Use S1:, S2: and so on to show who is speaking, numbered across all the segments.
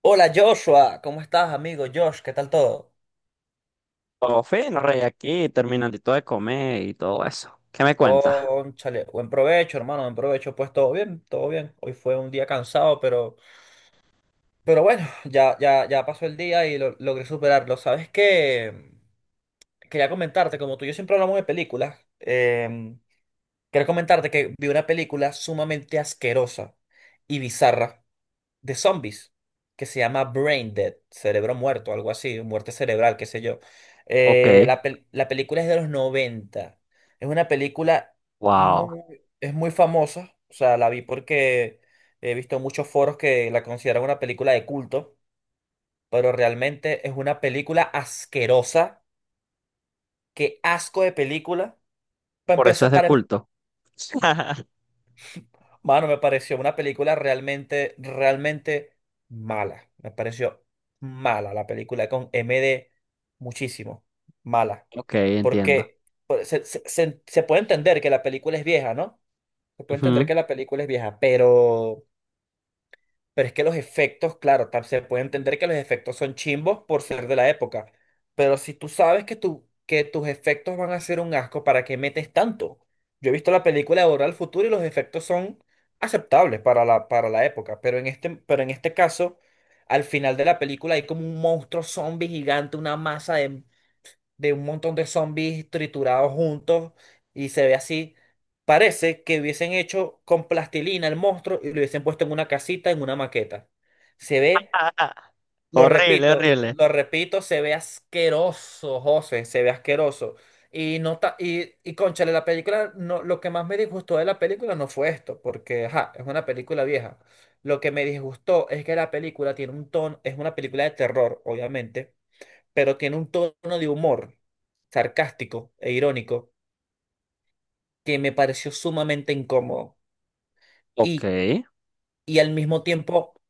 S1: Hola Joshua, ¿cómo estás, amigo Josh? ¿Qué tal todo?
S2: Todo fino, rey, aquí terminandito de comer y todo eso. ¿Qué me cuentas?
S1: Cónchale, buen provecho, hermano, buen provecho. Pues todo bien, todo bien. Hoy fue un día cansado, pero bueno, ya pasó el día y logré superarlo. ¿Sabes qué? Quería comentarte, como tú y yo siempre hablamos de películas, quería comentarte que vi una película sumamente asquerosa y bizarra. De zombies que se llama Brain Dead, cerebro muerto, algo así, muerte cerebral, qué sé yo.
S2: Ok,
S1: La película es de los 90. Es una película
S2: wow.
S1: es muy famosa. O sea, la vi porque he visto muchos foros que la consideran una película de culto, pero realmente es una película asquerosa. Qué asco de película. Para
S2: Por eso es de culto.
S1: Mano, me pareció una película realmente, realmente mala. Me pareció mala la película con M MD muchísimo. Mala.
S2: Ok, entiendo.
S1: Porque pues, se puede entender que la película es vieja, ¿no? Se puede entender
S2: Ujú.
S1: que la película es vieja, pero es que los efectos, claro, se puede entender que los efectos son chimbos por ser de la época. Pero si tú sabes que, tus efectos van a ser un asco, ¿para qué metes tanto? Yo he visto la película de Volver al Futuro y los efectos son aceptables para la época. Pero en este caso, al final de la película hay como un monstruo zombie gigante, una masa de un montón de zombies triturados juntos y se ve así. Parece que hubiesen hecho con plastilina el monstruo y lo hubiesen puesto en una casita, en una maqueta. Se ve,
S2: Horrible, horrible.
S1: lo repito, se ve asqueroso, José, se ve asqueroso. Y no ta- y cónchale, la película, no, lo que más me disgustó de la película no fue esto, porque ajá, es una película vieja. Lo que me disgustó es que la película tiene un tono, es una película de terror, obviamente, pero tiene un tono de humor sarcástico e irónico que me pareció sumamente incómodo
S2: Ok.
S1: y, y al mismo tiempo,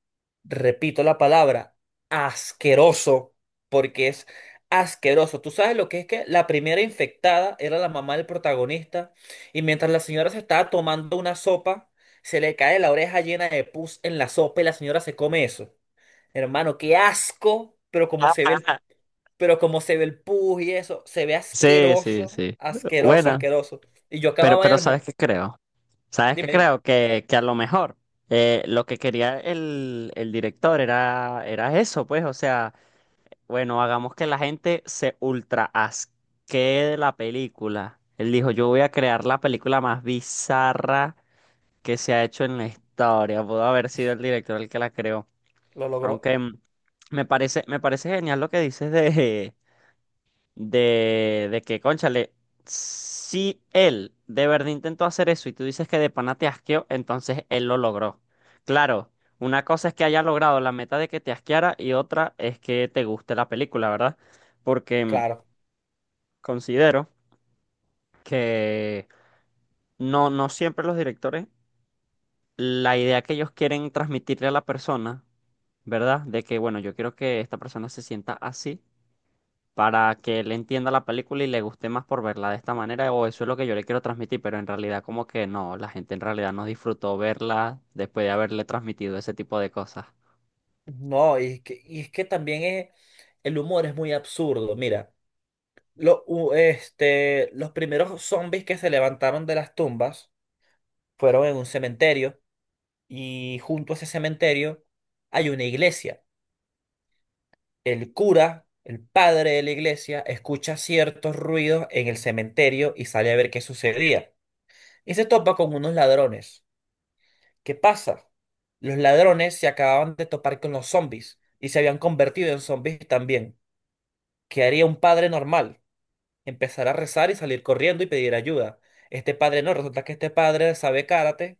S1: repito la palabra, asqueroso, porque es asqueroso. Tú sabes lo que es que la primera infectada era la mamá del protagonista y mientras la señora se estaba tomando una sopa, se le cae la oreja llena de pus en la sopa y la señora se come eso. Hermano, qué asco, pero como se ve el pus y eso, se ve
S2: Sí, sí,
S1: asqueroso,
S2: sí.
S1: asqueroso,
S2: Bueno,
S1: asqueroso. Y yo acababa de
S2: pero ¿sabes
S1: almorzar.
S2: qué creo? ¿Sabes qué
S1: Dime, dime,
S2: creo? Que a lo mejor lo que quería el director era eso, pues, o sea. Bueno, hagamos que la gente se ultra asquee de la película. Él dijo, yo voy a crear la película más bizarra que se ha hecho en la historia. Pudo haber sido el director el que la creó.
S1: lo logró.
S2: Aunque me parece genial lo que dices de de que, cónchale, si él de verdad intentó hacer eso y tú dices que de pana te asqueó, entonces él lo logró. Claro, una cosa es que haya logrado la meta de que te asqueara y otra es que te guste la película, ¿verdad? Porque
S1: Claro.
S2: considero que no, no siempre los directores, la idea que ellos quieren transmitirle a la persona, ¿verdad? De que, bueno, yo quiero que esta persona se sienta así para que él entienda la película y le guste más por verla de esta manera, o eso es lo que yo le quiero transmitir, pero en realidad como que no, la gente en realidad no disfrutó verla después de haberle transmitido ese tipo de cosas.
S1: No, y es que también es, el humor es muy absurdo. Mira, los primeros zombies que se levantaron de las tumbas fueron en un cementerio y junto a ese cementerio hay una iglesia. El cura, el padre de la iglesia, escucha ciertos ruidos en el cementerio y sale a ver qué sucedía. Y se topa con unos ladrones. ¿Qué pasa? Los ladrones se acababan de topar con los zombies y se habían convertido en zombies también. ¿Qué haría un padre normal? Empezar a rezar y salir corriendo y pedir ayuda. Este padre no, resulta que este padre sabe karate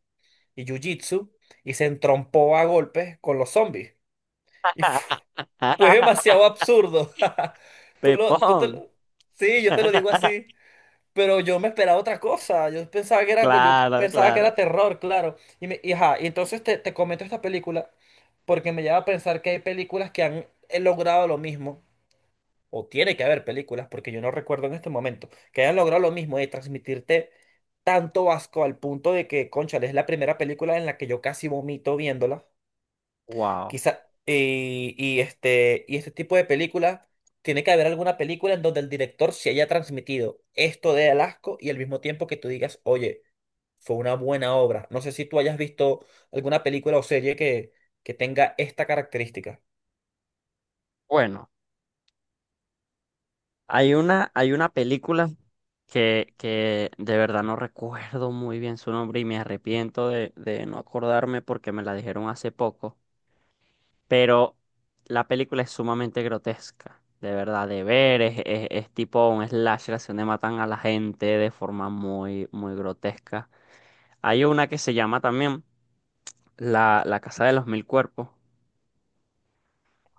S1: y jiu-jitsu y se entrompó a golpes con los zombies. Y fue demasiado absurdo. Tú lo- tú te
S2: Pepón.
S1: lo- Sí, yo te lo digo así. Pero yo me esperaba otra cosa. Yo pensaba que era, yo
S2: Claro,
S1: pensaba que era
S2: claro.
S1: terror, claro. Ajá, y entonces te comento esta película porque me lleva a pensar que hay películas que han logrado lo mismo. O tiene que haber películas, porque yo no recuerdo en este momento, que hayan logrado lo mismo de transmitirte tanto asco al punto de que, cónchale, es la primera película en la que yo casi vomito viéndola.
S2: Wow.
S1: Quizá, este tipo de película, tiene que haber alguna película en donde el director se haya transmitido esto de Alasco y al mismo tiempo que tú digas, oye, fue una buena obra. No sé si tú hayas visto alguna película o serie que tenga esta característica.
S2: Bueno, hay una película que de verdad no recuerdo muy bien su nombre y me arrepiento de no acordarme porque me la dijeron hace poco. Pero la película es sumamente grotesca, de verdad, de ver, es, es tipo un slasher, así donde matan a la gente de forma muy, muy grotesca. Hay una que se llama también La, La Casa de los Mil Cuerpos,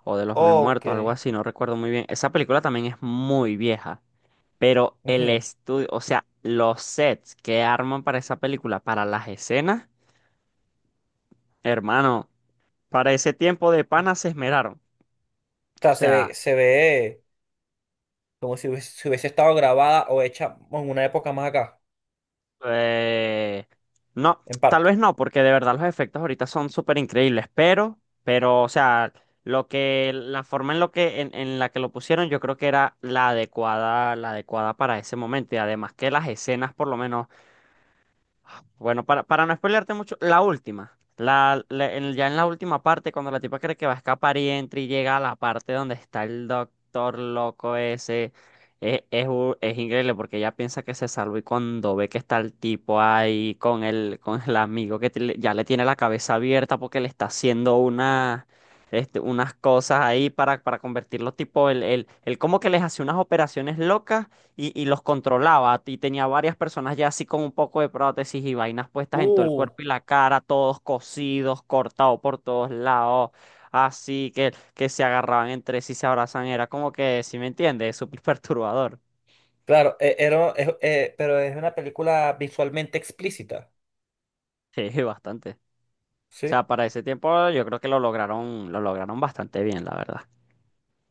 S2: o de los Mil
S1: Ok.
S2: Muertos, algo así, no recuerdo muy bien. Esa película también es muy vieja, pero
S1: Ujú.
S2: el
S1: O
S2: estudio, o sea, los sets que arman para esa película, para las escenas, hermano, para ese tiempo de pana se esmeraron. O
S1: sea,
S2: sea...
S1: se ve como si hubiese, si hubiese estado grabada o hecha en una época más acá,
S2: Eh, no,
S1: en
S2: tal vez
S1: parte.
S2: no, porque de verdad los efectos ahorita son súper increíbles, pero, o sea, lo que, la forma en lo que, en la que lo pusieron, yo creo que era la adecuada para ese momento. Y además que las escenas, por lo menos. Bueno, para no spoilearte mucho, la última. La, ya en la última parte, cuando la tipa cree que va a escapar y entra y llega a la parte donde está el doctor loco ese, es, es, increíble porque ella piensa que se salvó y cuando ve que está el tipo ahí con el amigo que ya le tiene la cabeza abierta porque le está haciendo una, este, unas cosas ahí para convertirlo tipo, el él como que les hace unas operaciones locas y los controlaba. Y tenía varias personas ya así con un poco de prótesis y vainas puestas en todo el
S1: Uh.
S2: cuerpo y la cara, todos cosidos, cortados por todos lados, así que se agarraban entre sí, se abrazan. Era como que, si me entiendes, súper perturbador.
S1: Claro, pero es una película visualmente explícita,
S2: Sí, bastante. O
S1: ¿sí?
S2: sea, para ese tiempo yo creo que lo lograron bastante bien, la verdad.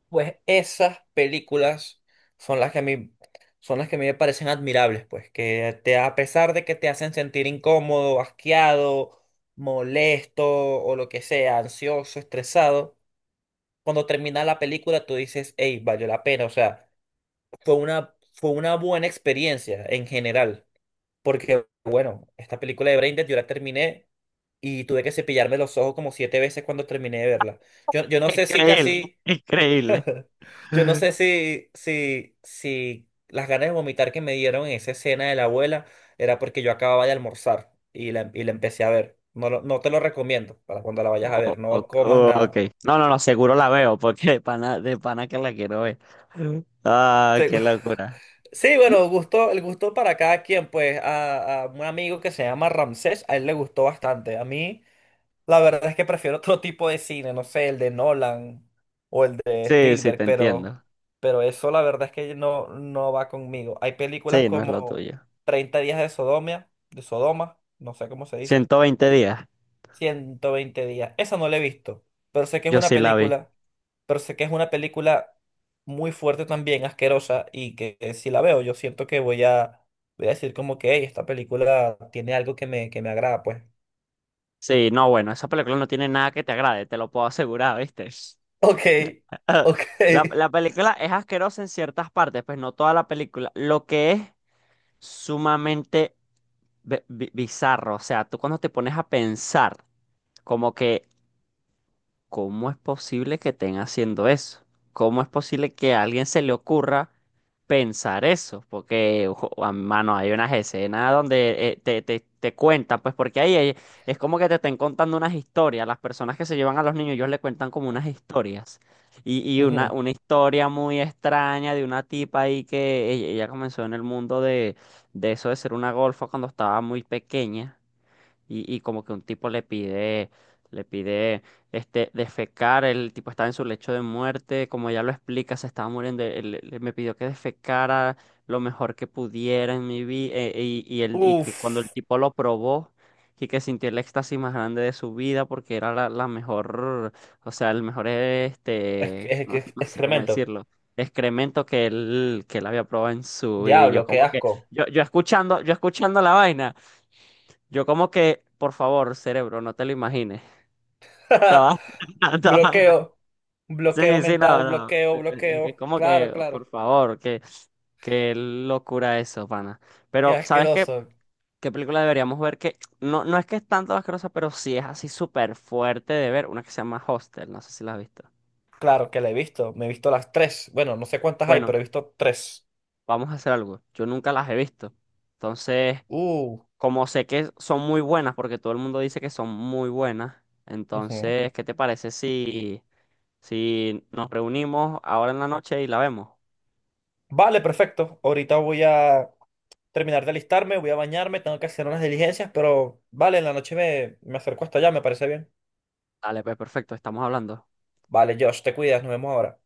S1: Pues esas películas son las que a mí, son las que a mí me parecen admirables, pues, que te, a pesar de que te hacen sentir incómodo, asqueado, molesto o lo que sea, ansioso, estresado, cuando termina la película tú dices, hey, valió la pena, o sea, fue una buena experiencia en general, porque, bueno, esta película de Braindead yo la terminé y tuve que cepillarme los ojos como siete veces cuando terminé de verla. Yo no sé si
S2: Increíble,
S1: casi...
S2: increíble.
S1: Yo no sé si las ganas de vomitar que me dieron en esa escena de la abuela era porque yo acababa de almorzar y la empecé a ver. No, no te lo recomiendo para cuando la vayas a
S2: O-
S1: ver, no comas
S2: ok.
S1: nada.
S2: No, no, no, seguro la veo, porque de pana que la quiero ver. Ah, qué
S1: Segu-
S2: locura.
S1: Sí, bueno, gusto, el gusto para cada quien, pues a un amigo que se llama Ramsés, a él le gustó bastante. A mí la verdad es que prefiero otro tipo de cine, no sé, el de Nolan o el de
S2: Sí, sí,
S1: Spielberg,
S2: te entiendo.
S1: pero eso la verdad es que no, no va conmigo. Hay películas
S2: Sí, no es lo
S1: como
S2: tuyo.
S1: 30 días de Sodomia, de Sodoma, no sé cómo se dice,
S2: 120 días.
S1: 120 días. Esa no la he visto, pero sé que es
S2: Yo
S1: una
S2: sí la vi.
S1: película, pero sé que es una película muy fuerte también, asquerosa, y que si la veo yo siento que voy a, voy a decir como que "Ey, esta película tiene algo que me agrada, pues".
S2: Sí, no, bueno, esa película no tiene nada que te agrade, te lo puedo asegurar, ¿viste?
S1: Ok,
S2: La,
S1: ok.
S2: la película es asquerosa en ciertas partes, pues no toda la película. Lo que es sumamente bizarro, o sea, tú cuando te pones a pensar, como que ¿cómo es posible que estén haciendo eso? ¿Cómo es posible que a alguien se le ocurra pensar eso? Porque, ojo, mano, hay unas escenas donde te, te cuentan, pues porque es como que te estén contando unas historias. Las personas que se llevan a los niños, ellos le cuentan como unas historias. Y
S1: Ujú.
S2: una historia muy extraña de una tipa ahí que ella comenzó en el mundo de eso de ser una golfa cuando estaba muy pequeña y como que un tipo le pide este, defecar, el tipo estaba en su lecho de muerte, como ya lo explica, se estaba muriendo, él me pidió que defecara lo mejor que pudiera en mi vida, y, y que cuando el
S1: Uf,
S2: tipo lo probó, y que sintió el éxtasis más grande de su vida porque era la, la mejor, o sea, el mejor, este,
S1: es,
S2: no,
S1: es
S2: no sé cómo
S1: excremento.
S2: decirlo. Excremento que él había probado en su vida y yo
S1: Diablo, qué
S2: como que
S1: asco.
S2: yo, yo escuchando la vaina yo como que, por favor, cerebro, no te lo imagines. Estaba- estaba-
S1: Bloqueo, bloqueo
S2: Sí, sí, no,
S1: mental,
S2: no.
S1: bloqueo,
S2: Es
S1: bloqueo.
S2: como
S1: Claro,
S2: que, por
S1: claro.
S2: favor, que, qué locura eso, pana.
S1: Qué
S2: Pero, ¿sabes qué?
S1: asqueroso.
S2: ¿Qué película deberíamos ver? Que no, no es que es tanto asquerosa, pero sí es así súper fuerte de ver. Una que se llama Hostel, no sé si la has visto.
S1: Claro que la he visto. Me he visto las tres. Bueno, no sé cuántas hay,
S2: Bueno,
S1: pero he visto tres.
S2: vamos a hacer algo. Yo nunca las he visto. Entonces,
S1: Uh,
S2: como sé que son muy buenas, porque todo el mundo dice que son muy buenas,
S1: ujú.
S2: entonces, ¿qué te parece si... si nos reunimos ahora en la noche y la vemos.
S1: Vale, perfecto. Ahorita voy a terminar de alistarme, voy a bañarme, tengo que hacer unas diligencias, pero vale, en la noche me acerco hasta allá, me parece bien.
S2: Dale, pues perfecto, estamos hablando.
S1: Vale, Josh, te cuidas, nos vemos ahora.